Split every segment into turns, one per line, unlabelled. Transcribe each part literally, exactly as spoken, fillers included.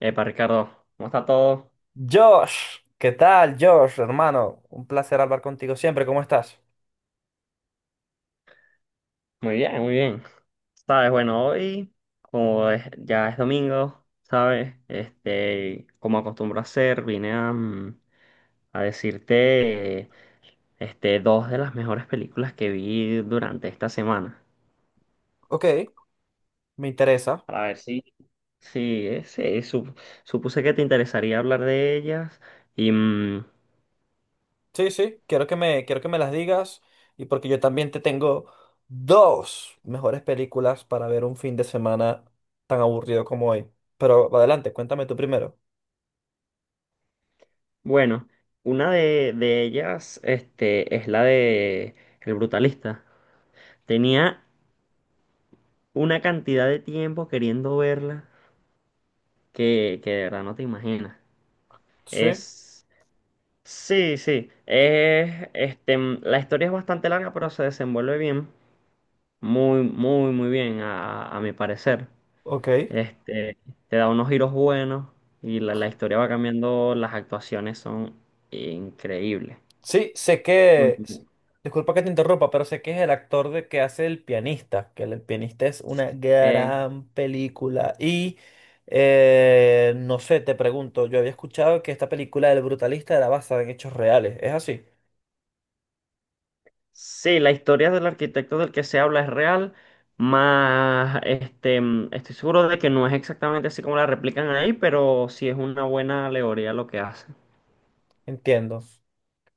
Epa, Ricardo, ¿cómo está todo?
Josh, ¿qué tal, Josh, hermano? Un placer hablar contigo siempre, ¿cómo estás?
Muy bien, muy bien. Sabes, bueno, hoy, como es- ya es domingo, ¿sabes? Este, como acostumbro a hacer, vine a, mm, a decirte, eh, este, dos de las mejores películas que vi durante esta semana.
Ok, me interesa.
Para ver si... Sí, eh, sí, sup- supuse que te interesaría hablar de ellas. Y mm,
Sí, sí, quiero que me, quiero que me las digas y porque yo también te tengo dos mejores películas para ver un fin de semana tan aburrido como hoy. Pero adelante, cuéntame tú primero.
bueno, una de, de ellas, este, es la de El Brutalista. Tenía una cantidad de tiempo queriendo verla que, que de verdad no te imaginas.
Sí,
Es... Sí, sí. Es, este, mm, la historia es bastante larga, pero se desenvuelve bien. Muy, muy, muy bien, a, a mi parecer.
ok.
Este, te da unos giros buenos y la, la historia va cambiando. Las actuaciones son increíbles.
Sí, sé
Muy
que, s- disculpa que te interrumpa, pero sé que es el actor de que hace El pianista, que El pianista es una
bien.
gran película. Y eh, no sé, te pregunto, yo había escuchado que esta película del brutalista era basada en hechos reales, ¿es así?
Sí, la historia del arquitecto del que se habla es real, más este, mm, estoy seguro de que no es exactamente así como la replican ahí, pero sí es una buena alegoría lo que hacen.
Entiendo.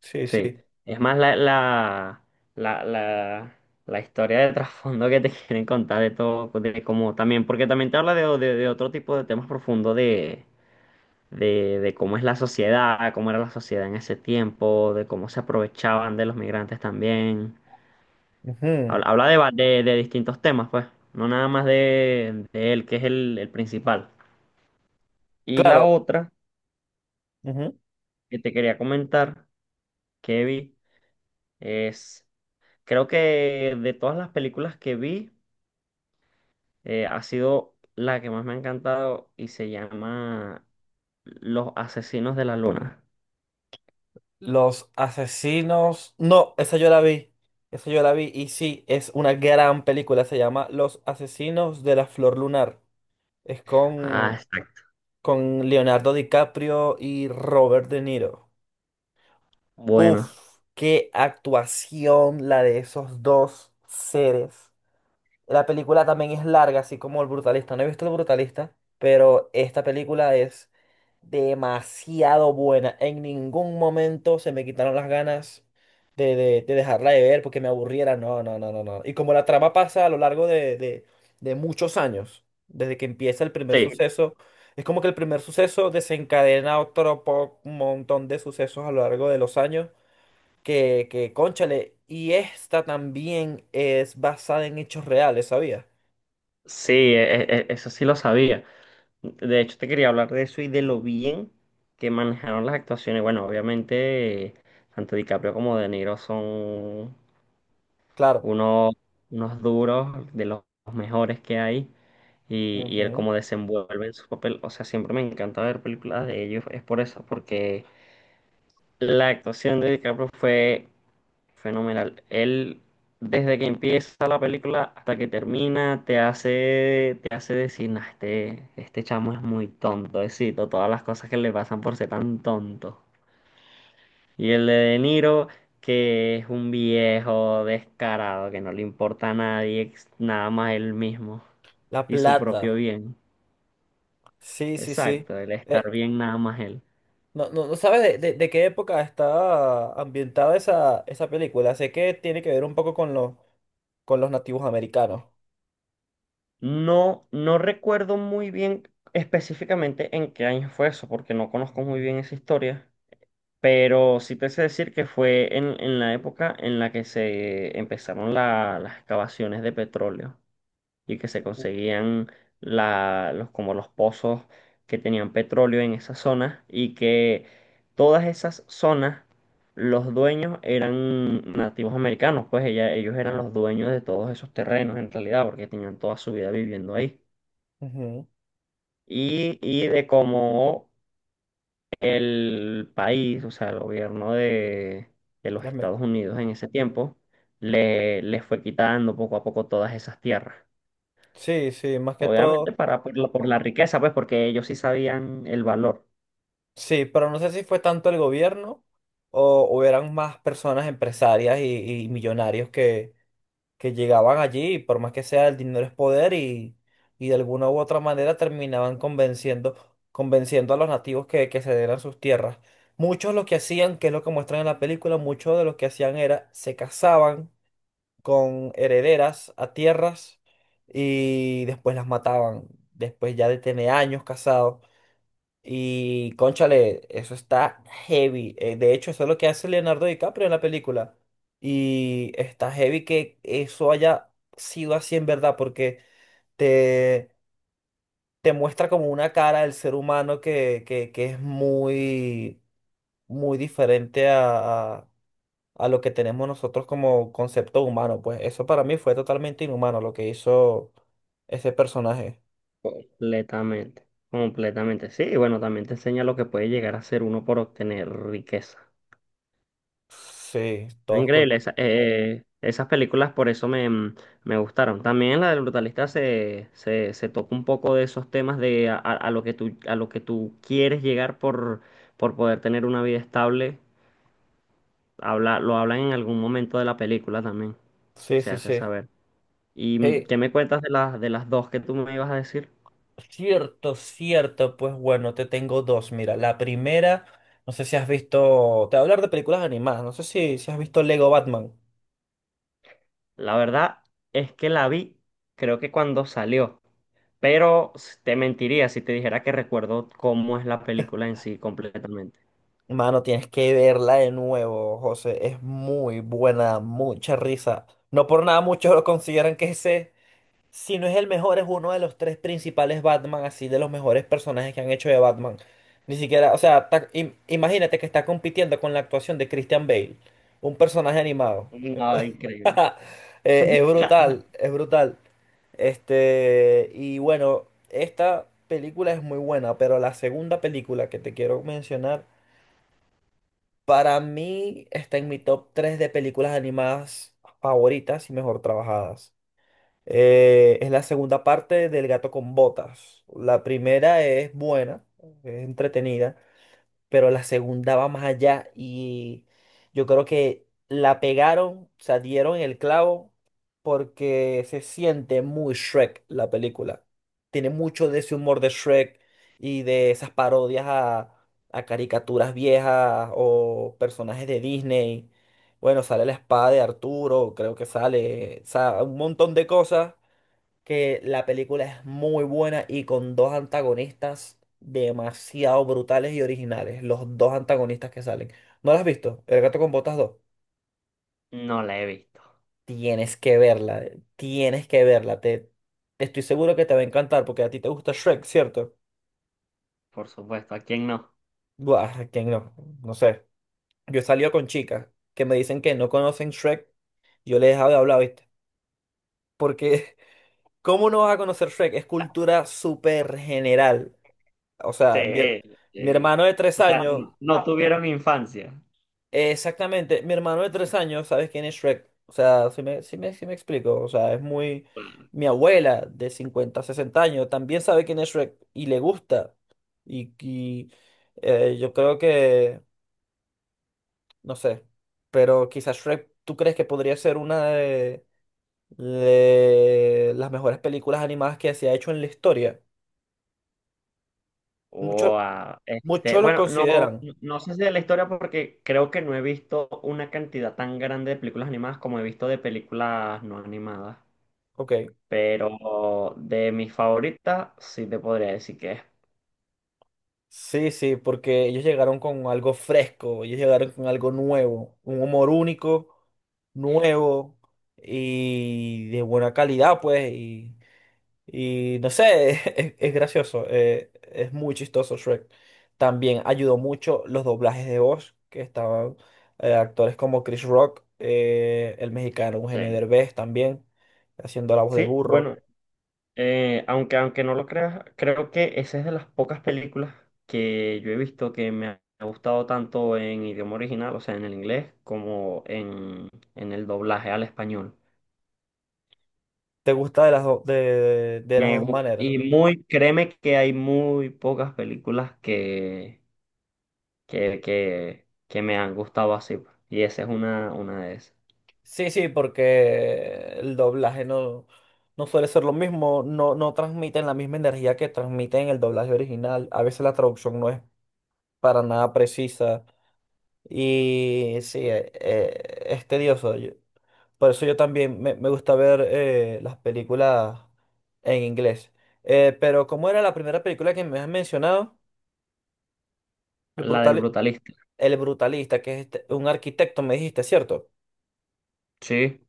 Sí,
Sí,
sí.
es más la, la, la, la, la historia de trasfondo que te quieren contar de todo, de cómo también, porque también te habla de, de- de otro tipo de temas profundos de, de, de cómo es la sociedad, cómo era la sociedad en ese tiempo, de cómo se aprovechaban de los migrantes también.
Ujú.
Habla, habla de, va- de, de distintos temas, pues, no nada más de, de él, que es el, el principal. Y la
Claro.
otra
Ujú.
que te quería comentar, que vi, es, creo que de todas las películas que vi, eh, ha sido la que más me ha encantado y se llama Los Asesinos de la Luna.
Los asesinos. No, esa yo la vi. Esa yo la vi. Y sí, es una gran película. Se llama Los asesinos de la flor lunar. Es
Ah,
con
está
con Leonardo DiCaprio y Robert De Niro.
bueno.
Uf, qué actuación la de esos dos seres. La película también es larga, así como El Brutalista. No he visto El Brutalista, pero esta película es demasiado buena. En ningún momento se me quitaron las ganas de, de- de dejarla de ver porque me aburriera. No, no, no, no, no. Y como la trama pasa a lo largo de, de- de muchos años, desde que empieza el primer
Sí,
suceso, es como que el primer suceso desencadena otro po- montón de sucesos a lo largo de los años que, que cónchale, y esta también es basada en hechos reales, ¿sabías?
sí, e- e- e- eso sí lo sabía. De hecho, te quería hablar de eso y de lo bien que manejaron las actuaciones. Bueno, obviamente, tanto DiCaprio como De Niro son
Claro.
unos, unos duros, de los mejores que hay. Y, y él
Ujú.
cómo desenvuelve en su papel. O sea, siempre me encanta ver películas de ellos. Es por eso, porque la actuación de DiCaprio fue fenomenal. Él, desde que empieza la película hasta que termina, te hace, te hace decir, "Nah, este, este chamo es muy tonto, éxito, todas las cosas que le pasan por ser tan tonto". Y el de De Niro, que es un viejo descarado, que no le importa a nadie, ex- nada más él mismo
La
y su
Plata.
propio bien.
Sí, sí, sí.
Exacto, el estar
Eh,
bien nada más él.
no, no, no sabes de, de- de qué época está ambientada esa, esa película. Sé que tiene que ver un poco con los, con los nativos americanos.
No, no recuerdo muy bien específicamente en qué año fue eso, porque no conozco muy bien esa historia. Pero sí te sé decir que fue en, en la época en la que se empezaron la- las excavaciones de petróleo y que se conseguían la- los, como los pozos que tenían petróleo en esas zonas y que todas esas zonas, los dueños eran nativos americanos, pues ella- ellos eran los dueños de todos esos terrenos en realidad porque tenían toda su vida viviendo ahí.
Ujú.
Y, y de cómo el país, o sea, el gobierno de, de los
Déjame-
Estados Unidos en ese tiempo, le, le fue quitando poco a poco todas esas tierras.
Sí, sí, más que todo.
Obviamente para, por la, por la riqueza, pues porque ellos sí sabían el valor.
Sí, pero no sé si fue tanto el gobierno o, o eran más personas empresarias y, y millonarios que que llegaban allí, por más que sea, el dinero es poder y, y de alguna u otra manera terminaban convenciendo, convenciendo a los nativos que, que cedieran sus tierras. Muchos lo que hacían, que es lo que muestran en la película, muchos de los que hacían era se casaban con herederas a tierras y después las mataban, después ya de tener años casados. Y cónchale, eso está heavy. Eh, de hecho, eso es lo que hace Leonardo DiCaprio en la película. Y está heavy que eso haya sido así en verdad, porque te, te muestra como una cara del ser humano que, que, que es muy, muy diferente a, a, a lo que tenemos nosotros como concepto humano. Pues eso para mí fue totalmente inhumano lo que hizo ese personaje.
Completamente, completamente. Sí, y bueno, también te enseña lo que puede llegar a ser uno por obtener riqueza.
Sí, todos cul-
Increíble, esa- eh, esas películas por eso me, mm, me gustaron. También en la del brutalista se, se, se toca un poco de esos temas de a, a lo que tú, a lo que tú quieres llegar por, por poder tener una vida estable. Habla, lo hablan en algún momento de la película también,
Sí,
se
sí,
hace
sí.
saber. ¿Y mm,
Sí,
qué me cuentas de las, de las dos que tú me ibas a decir?
cierto, cierto, pues bueno, te tengo dos. Mira, la primera, no sé si has visto, te voy a hablar de películas animadas, no sé si, si has visto Lego Batman.
La verdad es que la vi, creo que cuando salió, pero te mentiría si te dijera que recuerdo cómo es la película en sí completamente.
Mano, tienes que verla de nuevo, José, es muy buena, mucha risa. No por nada muchos lo consideran que ese, si no es el mejor, es uno de los tres principales Batman, así de los mejores personajes que han hecho de Batman. Ni siquiera, o sea, ta- im- imagínate que está compitiendo con la actuación de Christian Bale, un personaje animado.
No, increíble.
Eh, es brutal, es brutal. Este, y bueno, esta película es muy buena, pero la segunda película que te quiero mencionar, para mí está en mi top tres de películas animadas favoritas y mejor trabajadas. Eh, es la segunda parte del Gato con Botas. La primera es buena, es entretenida, pero la segunda va más allá y yo creo que la pegaron, o sea, dieron el clavo porque se siente muy Shrek la película. Tiene mucho de ese humor de Shrek y de esas parodias a, a caricaturas viejas o personajes de Disney. Bueno, sale la espada de Arturo, creo que sale, o sea, un montón de cosas que la película es muy buena y con dos antagonistas demasiado brutales y originales. Los dos antagonistas que salen. ¿No la has visto? El gato con botas dos.
No la he visto,
Tienes que verla, tienes que verla. Te, estoy seguro que te va a encantar porque a ti te gusta Shrek, ¿cierto?
por supuesto. ¿A quién no?
Buah, ¿quién no? No sé. Yo he salido con chicas que me dicen que no conocen Shrek. Yo les he dejado de hablar, ¿viste? Porque, ¿cómo no vas a conocer Shrek? Es cultura súper general. O sea, mi,
Sí,
mi
sí.
hermano de tres
O sea,
años
no, no tuvieron infancia.
Exactamente, mi hermano de tres años, ¿sabes quién es Shrek? O sea, si me, si me, si me explico, o sea, es muy... Mi abuela de cincuenta, sesenta años también sabe quién es Shrek y le gusta. Y, y, eh, yo creo que, no sé, pero quizás Shrek, ¿tú crees que podría ser una de, de las mejores películas animadas que se ha hecho en la historia? Muchos
Wow. Este,
muchos lo
bueno, no,
consideran,
no sé si de la historia porque creo que no he visto una cantidad tan grande de películas animadas como he visto de películas no animadas.
ok.
Pero de mis favoritas sí te podría decir que es.
Sí, sí, porque ellos llegaron con algo fresco, ellos llegaron con algo nuevo, un humor único, nuevo y de buena calidad, pues, y, y no sé, es, es gracioso, eh, es muy chistoso Shrek. También ayudó mucho los doblajes de voz, que estaban eh, actores como Chris Rock, eh, el mexicano Eugenio
Sí.
Derbez también, haciendo la voz de
Sí,
burro.
bueno, Eh, aunque, aunque no lo creas, creo que esa es de las pocas películas que yo he visto que me ha gustado tanto en idioma original, o sea, en el inglés, como en, en el doblaje al español.
¿Te gusta de las, do- de de- de las
Me
dos
gusta.
maneras?
Y muy, créeme que hay muy pocas películas que, que, que, que me han gustado así, pues. Y esa es una, una de esas.
Sí, sí, porque el doblaje no, no, suele ser lo mismo, no, no transmiten la misma energía que transmiten en el doblaje original. A veces la traducción no es para nada precisa y sí, eh, eh, es tedioso. Yo- por eso yo también me, me gusta ver eh, las películas en inglés. Eh, pero ¿cómo era la primera película que me has mencionado? El
La del
brutal,
brutalista.
El Brutalista, que es este- un arquitecto, me dijiste, ¿cierto?
Sí.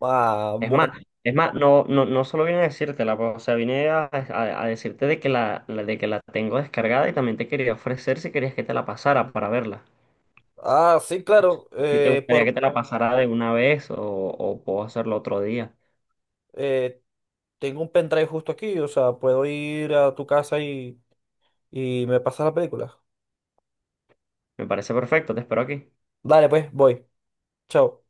Ah,
Es más,
bueno.
es más, no, no, no solo vine a decírtela, pues, o sea, vine a, a- a decirte de que la, la- de que la tengo descargada y también te quería ofrecer si querías que te la pasara para verla.
Ah, sí,
Si
claro.
si te
eh,
gustaría que
por,
te la pasara de una vez o, o puedo hacerlo otro día.
eh, Tengo un pendrive justo aquí, o sea, puedo ir a tu casa y, y me pasas la película.
Me parece perfecto, te espero aquí.
Dale, pues, voy. Chao.